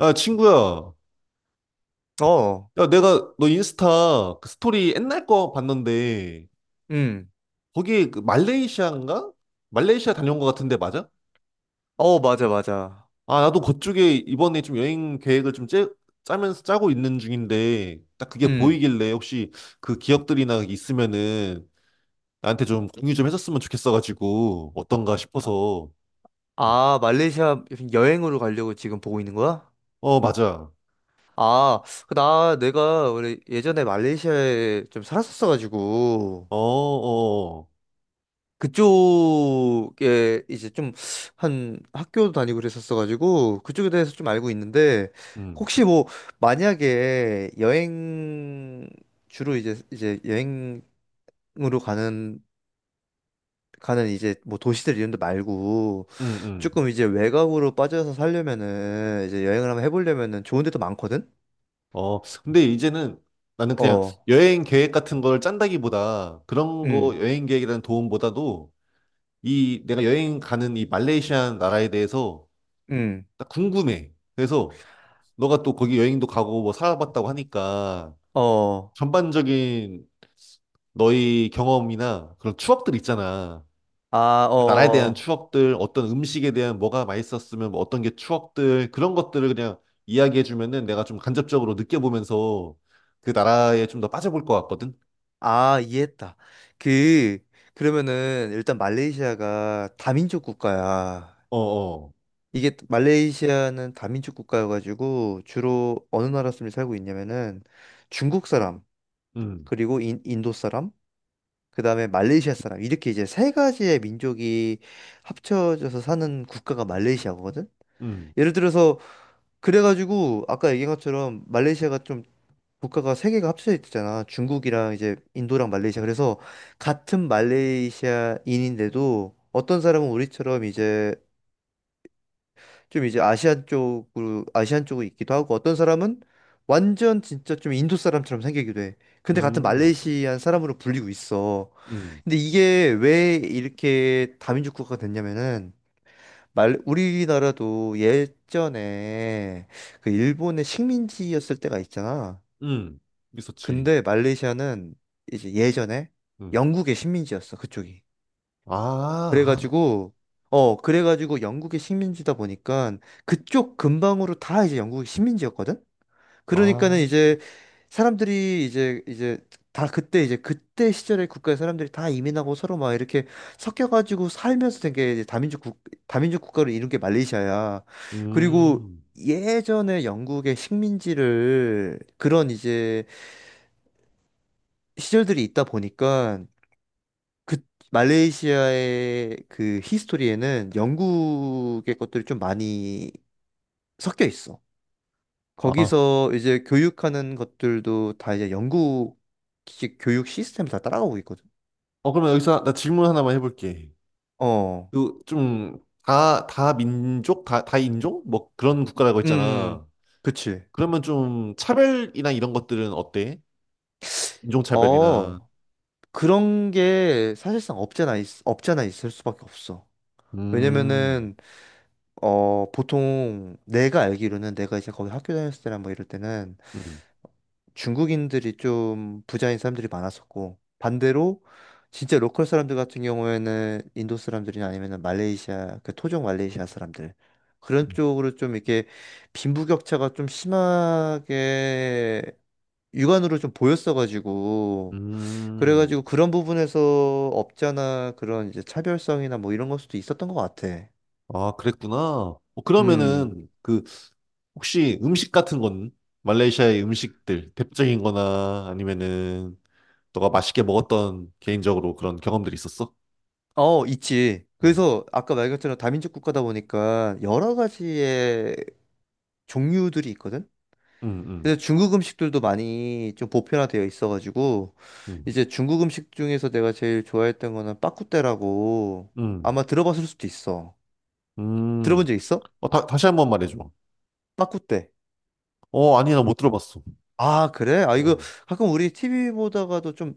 야, 친구야. 어, 야, 내가 너 인스타 그 스토리 옛날 거 봤는데, 음, 거기 그 말레이시아인가? 말레이시아 다녀온 거 같은데, 맞아? 어, 맞아, 맞아. 아, 나도 그쪽에 이번에 좀 여행 계획을 좀 짜면서 짜고 있는 중인데, 딱 그게 음, 보이길래 혹시 그 기억들이나 있으면은 나한테 좀 공유 좀 해줬으면 좋겠어가지고, 어떤가 싶어서. 음. 아, 말레이시아 여행으로 가려고 지금 보고 있는 거야? 어, 맞아. 아, 그 내가 원래 예전에 말레이시아에 좀 살았었어가지고, 어, 어, 어. 그쪽에 이제 좀 한 학교도 다니고 그랬었어가지고, 그쪽에 대해서 좀 알고 있는데, 음, 혹시 뭐, 만약에 여행, 주로 이제 여행으로 가는, 가는 이제 뭐 도시들 이런 데 말고, 음, 조금 음. 이제 외곽으로 빠져서 살려면은 이제 여행을 한번 해보려면은 좋은 데도 많거든? 어, 근데 이제는 나는 그냥 어, 여행 계획 같은 걸 짠다기보다 그런 거 음, 여행 계획이라는 도움보다도 이 내가 여행 가는 이 말레이시아 나라에 대해서 음, 딱 궁금해. 그래서 너가 또 거기 여행도 가고 뭐 살아봤다고 하니까 어, 전반적인 너의 경험이나 그런 추억들 있잖아. 아, 나라에 대한 어, 추억들, 어떤 음식에 대한 뭐가 맛있었으면 뭐 어떤 게 추억들, 그런 것들을 그냥 이야기해 주면은 내가 좀 간접적으로 느껴보면서 그 나라에 좀 더 빠져볼 것 같거든? 아, 이해했다. 그, 그러면은 일단 말레이시아가 다민족 국가야. 어어. 이게 말레이시아는 다민족 국가여가지고 주로 어느 나라 사람이 살고 있냐면은 중국 사람, 음, 그리고 인도 사람, 그다음에 말레이시아 사람 이렇게 이제 세 가지의 민족이 합쳐져서 사는 국가가 말레이시아거든. 음, 예를 들어서 그래가지고 아까 얘기한 것처럼 말레이시아가 좀 국가가 세 개가 합쳐져 있잖아. 중국이랑 이제 인도랑 말레이시아. 그래서 같은 말레이시아인인데도 어떤 사람은 우리처럼 이제 좀 이제 아시안 쪽으로 있기도 하고 어떤 사람은 완전 진짜 좀 인도 사람처럼 생기기도 해. 근데 같은 음, 말레이시안 사람으로 불리고 있어. 음, 근데 이게 왜 이렇게 다민족 국가가 됐냐면은 말 우리나라도 예전에 그 일본의 식민지였을 때가 있잖아. 음. 있었지. 근데 말레이시아는 이제 예전에 음. 영국의 식민지였어, 그쪽이. 아, 아, 그래가지고 영국의 식민지다 보니까 그쪽 근방으로 다 이제 영국의 식민지였거든. 그러니까는 아, 이제 사람들이 이제 다 그때 그때 시절에 국가의 사람들이 다 이민하고 서로 막 이렇게 섞여가지고 살면서 된 게 이제 다민족 국가를 이룬 게 말레이시아야. 그리고 음. 예전에 영국의 식민지를 그런 이제 시절들이 있다 보니까 그 말레이시아의 그 히스토리에는 영국의 것들이 좀 많이 섞여 있어. 아, 거기서 이제 교육하는 것들도 다 이제 영국식 교육 시스템 다 따라가고 있거든. 어, 그러면 여기서 나 질문 하나만 해볼게. 어, 그, 좀, 다 민족, 다 인종? 뭐 그런 국가라고 음, 했잖아. 그치. 그러면 좀 차별이나 이런 것들은 어때? 인종차별이나. 어, 그런 게 사실상 없잖아, 없잖아 있을 수밖에 없어. 음, 왜냐면은, 어, 보통 내가 알기로는 내가 이제 거기 학교 다녔을 때나 뭐 이럴 때는 음, 중국인들이 좀 부자인 사람들이 많았었고 반대로 진짜 로컬 사람들 같은 경우에는 인도 사람들이나 아니면은 말레이시아 그 토종 말레이시아 사람들 그런 쪽으로 좀 이렇게 빈부격차가 좀 심하게 육안으로 좀 보였어가지고 음. 그래가지고 그런 부분에서 업자나 그런 이제 차별성이나 뭐 이런 걸 수도 있었던 것 같아. 아, 그랬구나. 어, 음, 그러면은 그 혹시 음식 같은 건 말레이시아의 음식들 대표적인 거나 아니면은 너가 맛있게 먹었던 개인적으로 그런 경험들이 있었어? 어, 있지. 음, 그래서 아까 말 것처럼 다민족 국가다 보니까 여러 가지의 종류들이 있거든. 음, 음, 그래서 중국 음식들도 많이 좀 보편화되어 있어가지고 음, 이제 중국 음식 중에서 내가 제일 좋아했던 거는 빠꾸떼라고 음. 아마 들어봤을 수도 있어. 음. 들어본 적 있어? 어, 다시 한 번 말해줘. 빠꾸떼. 어, 아니, 나 못 들어봤어. 아, 그래? 아, 이거 어. 가끔 우리 TV 보다가도 좀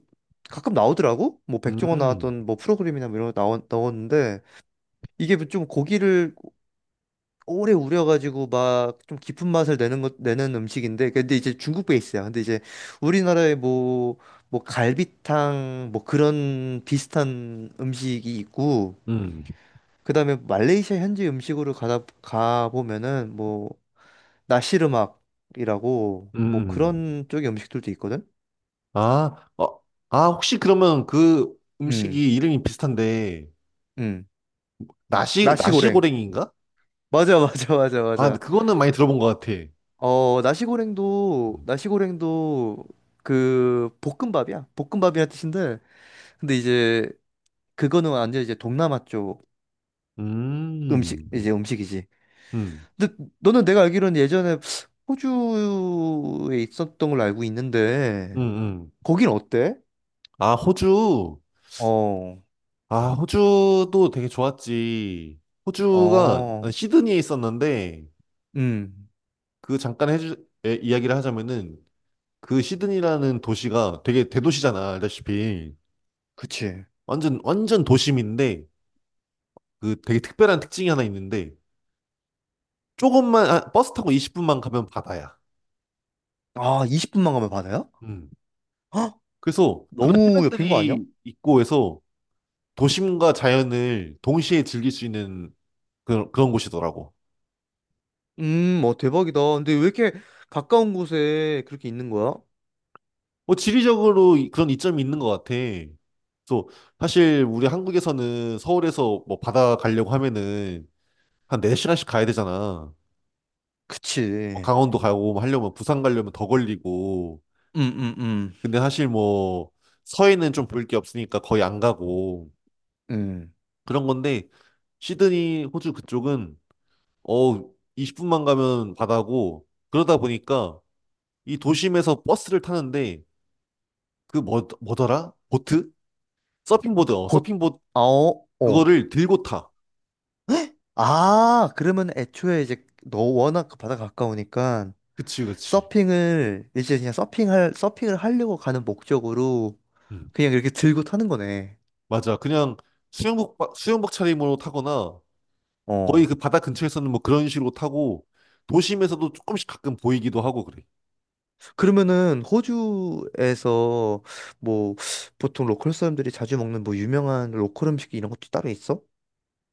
가끔 나오더라고? 뭐 백종원 음, 나왔던 뭐 프로그램이나 뭐 이런 거 나왔는데 이게 좀 고기를 오래 우려가지고 막 좀 깊은 맛을 내는 음식인데 근데 이제 중국 베이스야. 근데 이제 우리나라에 뭐 갈비탕 뭐 그런 비슷한 음식이 있고 음, 그다음에 말레이시아 현지 음식으로 가다 가 보면은 뭐 나시르막이라고 음, 뭐 음. 그런 쪽의 음식들도 있거든. 아, 어, 아, 혹시 그러면 그 음. 음식이 이름이 비슷한데, 음. 나시, 나시고랭. 나시고랭인가? 맞아 맞아 맞아 아, 근데 맞아. 그거는 많이 들어본 것 같아. 어, 나시고랭도 음, 나시고랭도 그 볶음밥이야. 볶음밥이란 뜻인데 근데 이제 그거는 완전 이제 동남아 쪽 음, 음식 음식이지. 음, 근데 너는 내가 알기로는 예전에 호주에 있었던 걸로 알고 있는데 음. 거긴 어때? 아, 호주. 어, 아, 호주도 되게 좋았지. 호주가 난 어, 시드니에 있었는데, 음, 그 잠깐 해주, 이야기를 하자면은, 그 시드니라는 도시가 되게 대도시잖아, 알다시피. 그치. 완전, 완전 도심인데, 그 되게 특별한 특징이 하나 있는데, 조금만 아, 버스 타고 20분만 가면 바다야. 아, 20분만 가면 바다야? 음. 헉, 그래서 그런 너무 옆인 거 아니야? 해변들이 있고 해서 도심과 자연을 동시에 즐길 수 있는 그런, 그런 곳이더라고. 어, 대박이다. 근데 왜 이렇게 가까운 곳에 그렇게 있는 거야? 뭐 지리적으로 그런 이점이 있는 것 같아. 그래서 사실 우리 한국에서는 서울에서 뭐 바다 가려고 하면은 한 4시간씩 가야 되잖아. 뭐 그치. 강원도 가고 뭐 하려면 부산 가려면 더 걸리고. 음, 음, 음. 근데 사실 뭐 서해는 좀 볼 게 없으니까 거의 안 가고 음. 그런 건데 시드니 호주 그쪽은 어, 20분만 가면 바다고 그러다 보니까 이 도심에서 버스를 타는데 그 뭐, 뭐더라? 보트? 서핑보드, 어, 보, 서핑보드 아, 어, 어. 그거를 들고 타. 헉? 아, 그러면 애초에 이제 너 워낙 그 바다 가까우니까 그치, 그치. 서핑을 이제 그냥 서핑할 서핑을 하려고 가는 목적으로 음, 그냥 이렇게 들고 타는 거네. 맞아. 그냥 수영복, 수영복 차림으로 타거나 거의 어. 그 바다 근처에서는 뭐 그런 식으로 타고 도심에서도 조금씩 가끔 보이기도 하고 그래. 그러면은 호주에서 뭐 보통 로컬 사람들이 자주 먹는 뭐 유명한 로컬 음식 이런 것도 따로 있어?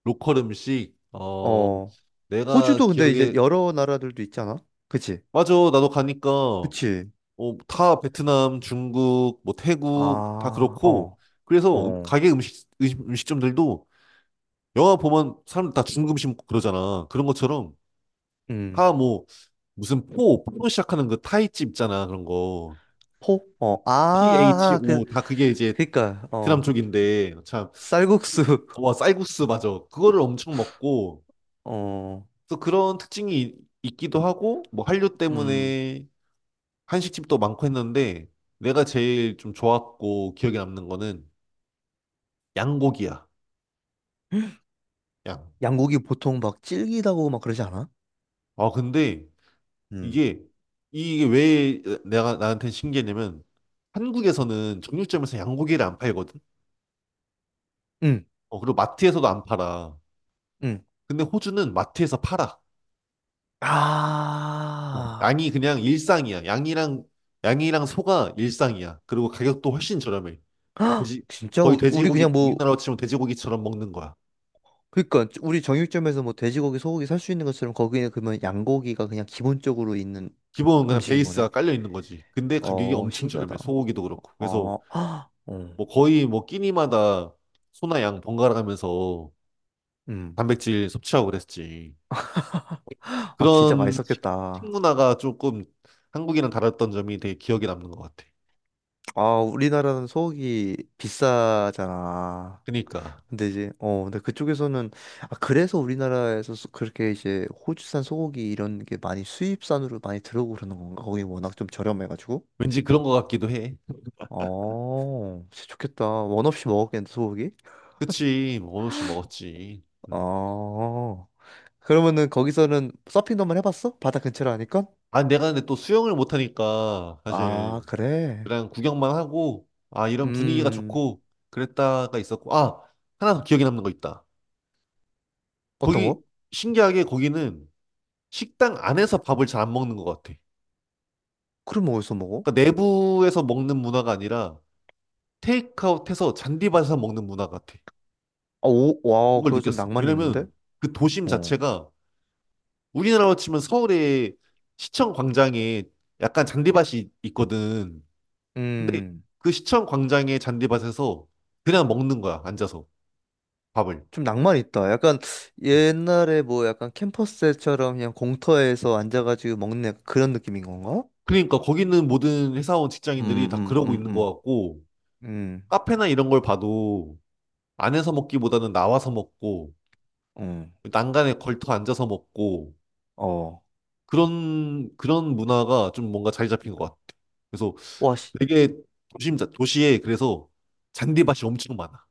로컬 음식, 어, 어. 내가 호주도 근데 이제 기억에, 여러 나라들도 있잖아. 그치? 맞아. 나도 가니까 어, 그치? 다 베트남, 중국, 뭐 태국 다 아, 그렇고 어. 그래서 어. 가게 음식점들도 영화 보면 사람들 다 중국 음식 먹고 그러잖아. 그런 음. 것처럼 음. 다 뭐 무슨 포, 포로 시작하는 그 타이집 있잖아. 그런 거. 포? 어, 아, 그, PHO 다 그게 이제 그니까, 베트남 어, 쪽인데 참 쌀국수, 와, 쌀국수 맞아. 그거를 엄청 먹고 어, 또 그런 특징이 있기도 하고 뭐 한류 음, 때문에 한식집도 많고 했는데 내가 제일 좀 좋았고 기억에 남는 거는 양고기야. 양. 양고기 보통 막 질기다고 막 그러지 않아? 아, 근데 음, 이게 이게 왜 내가 나한테 신기했냐면 한국에서는 정육점에서 양고기를 안 팔거든. 응. 어, 그리고 마트에서도 안 팔아. 응. 근데 호주는 마트에서 팔아. 어, 아, 양이 그냥 일상이야. 양이랑 소가 일상이야. 그리고 가격도 훨씬 저렴해. 돼지 진짜? 거의 우리 돼지고기 그냥 뭐, 우리나라로 치면 돼지고기처럼 먹는 거야. 그니까, 우리 정육점에서 뭐 돼지고기, 소고기 살 수 있는 것처럼 거기는 그러면 양고기가 그냥 기본적으로 있는 기본 그냥 음식인 거네? 베이스가 깔려 있는 거지. 근데 가격이 어, 엄청 신기하다. 저렴해. 소고기도 그렇고. 그래서 어, 어, 뭐 거의 뭐 끼니마다 소나 양 번갈아 가면서 음. 단백질 섭취하고 그랬지. 아, 진짜 그런 식- 맛있었겠다. 식문화가 조금 한국이랑 다랐던 점이 되게 기억에 남는 것 같아. 아, 우리나라는 소고기 비싸잖아. 그니까 근데 이제, 어, 근데 그쪽에서는, 아, 그래서 우리나라에서 그렇게 이제 호주산 소고기 이런 게 많이 수입산으로 많이 들어오고 그러는 건가? 거기 워낙 좀 저렴해가지고. 왠지 그런 것 같기도 해. 어, 진짜 좋겠다. 원 없이 먹었겠는데, 소고기? 그치, 뭐어느없이 먹었지. 음. 어, 그러면은 거기서는 서핑도 만 해봤어? 바다 근처로 하니까? 아, 내가 근데 또 수영을 못하니까 아, 사실 그래? 그냥 구경만 하고 아 이런 분위기가 음, 좋고 그랬다가 있었고 아 하나 더 기억에 남는 거 있다. 어떤 거기 거? 신기하게 거기는 식당 안에서 밥을 잘 안 먹는 것 같아. 크림 어디서 먹어? 그러니까 내부에서 먹는 문화가 아니라 테이크아웃해서 잔디밭에서 먹는 문화 같아. 아, 오, 와, 그걸 그거 좀 느꼈어. 낭만이 있는데? 왜냐면 그 도심 어. 자체가 우리나라로 치면 서울의 시청 광장에 약간 잔디밭이 있거든. 근데 음. 그 시청 광장의 잔디밭에서 그냥 먹는 거야, 앉아서 밥을. 좀 낭만 있다. 약간 음. 옛날에 뭐 약간 캠퍼스처럼 그냥 공터에서 앉아가지고 먹는 약간 그런 느낌인 건가? 그러니까 거기 있는 모든 회사원 음, 직장인들이 다 음, 그러고 음, 있는 것 음, 같고, 음, 카페나 이런 걸 봐도 안에서 먹기보다는 나와서 먹고, 음, 난간에 걸터 앉아서 먹고, 어. 그런, 그런 문화가 좀 뭔가 자리 잡힌 것 같아. 그래서 와, 씨. 되게 도심, 도시에 그래서 잔디밭이 엄청 많아.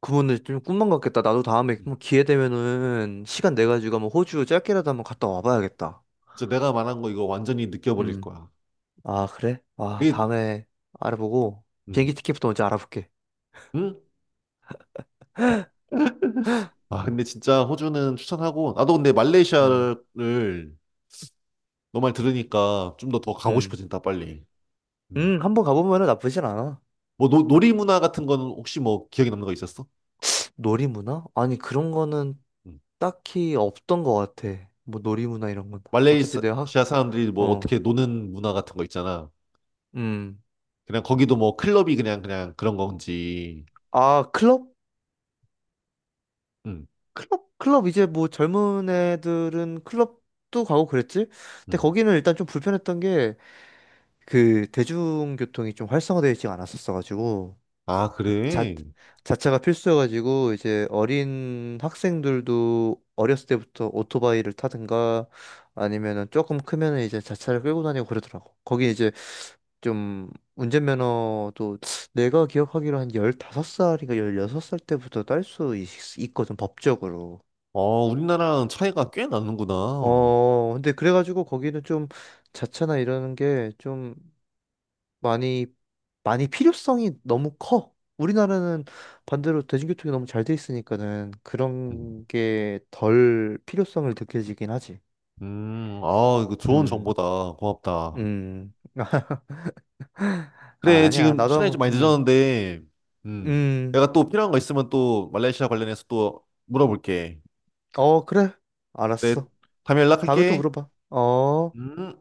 그분들 좀 꿈만 같겠다. 나도 다음에 음. 뭐 기회 되면은 시간 내 가지고 한번 호주 짧게라도 한번 갔다 와봐야겠다. 진짜 내가 말한 거 이거 완전히 느껴버릴 음. 거야. 아, 그래? 아, 그게, 다음에 알아보고 음. 비행기 티켓부터 먼저 알아볼게. 응? 아, 근데 진짜 호주는 추천하고, 나도 근데 음, 말레이시아를 너 말 들으니까 좀 더 더 가고 음, 싶어진다, 빨리. 음. 한번 가보면은 나쁘진 않아. 뭐, 놀이 문화 같은 거는 혹시 뭐 기억에 남는 거 있었어? 놀이문화? 아니, 그런 거는 음. 딱히 없던 것 같아. 뭐 놀이문화 이런 건. 어차피 내가 학, 말레이시아 사람들이 뭐 어, 어떻게 노는 문화 같은 거 있잖아. 음. 그냥 거기도 뭐 클럽이 그냥, 그냥 그런 건지. 아, 클럽? 음. 클럽? 클럽 이제 뭐 젊은 애들은 클럽도 가고 그랬지? 근데 음. 거기는 일단 좀 불편했던 게 그 대중교통이 좀 활성화되어 있지 않았었어가지고 아, 자, 그래? 자차가 필수여가지고 이제 어린 학생들도 어렸을 때부터 오토바이를 타든가 아니면은 조금 크면은 이제 자차를 끌고 다니고 그러더라고. 거기 이제 좀 운전면허도 내가 기억하기로 한 15살인가 16살 때부터 딸 수 있거든, 법적으로. 어, 우리나라랑 차이가 꽤 나는구나. 어, 근데 그래가지고 거기는 좀 자차나 이러는 게 좀 많이, 많이 필요성이 너무 커. 우리나라는 반대로 대중교통이 너무 잘 돼 있으니까는 음, 그런 게 덜 필요성을 느껴지긴 하지. 아, 이거 좋은 음, 정보다. 고맙다. 음. 아, 그래, 아니야. 지금 나도 시간이 좀 한번, 많이 늦었는데, 음, 음. 내가 또 필요한 거 있으면 또 말레이시아 관련해서 또 물어볼게. 어, 그래. 그래, 알았어. 다음에 다음에 또 연락할게. 물어봐. 어. 음.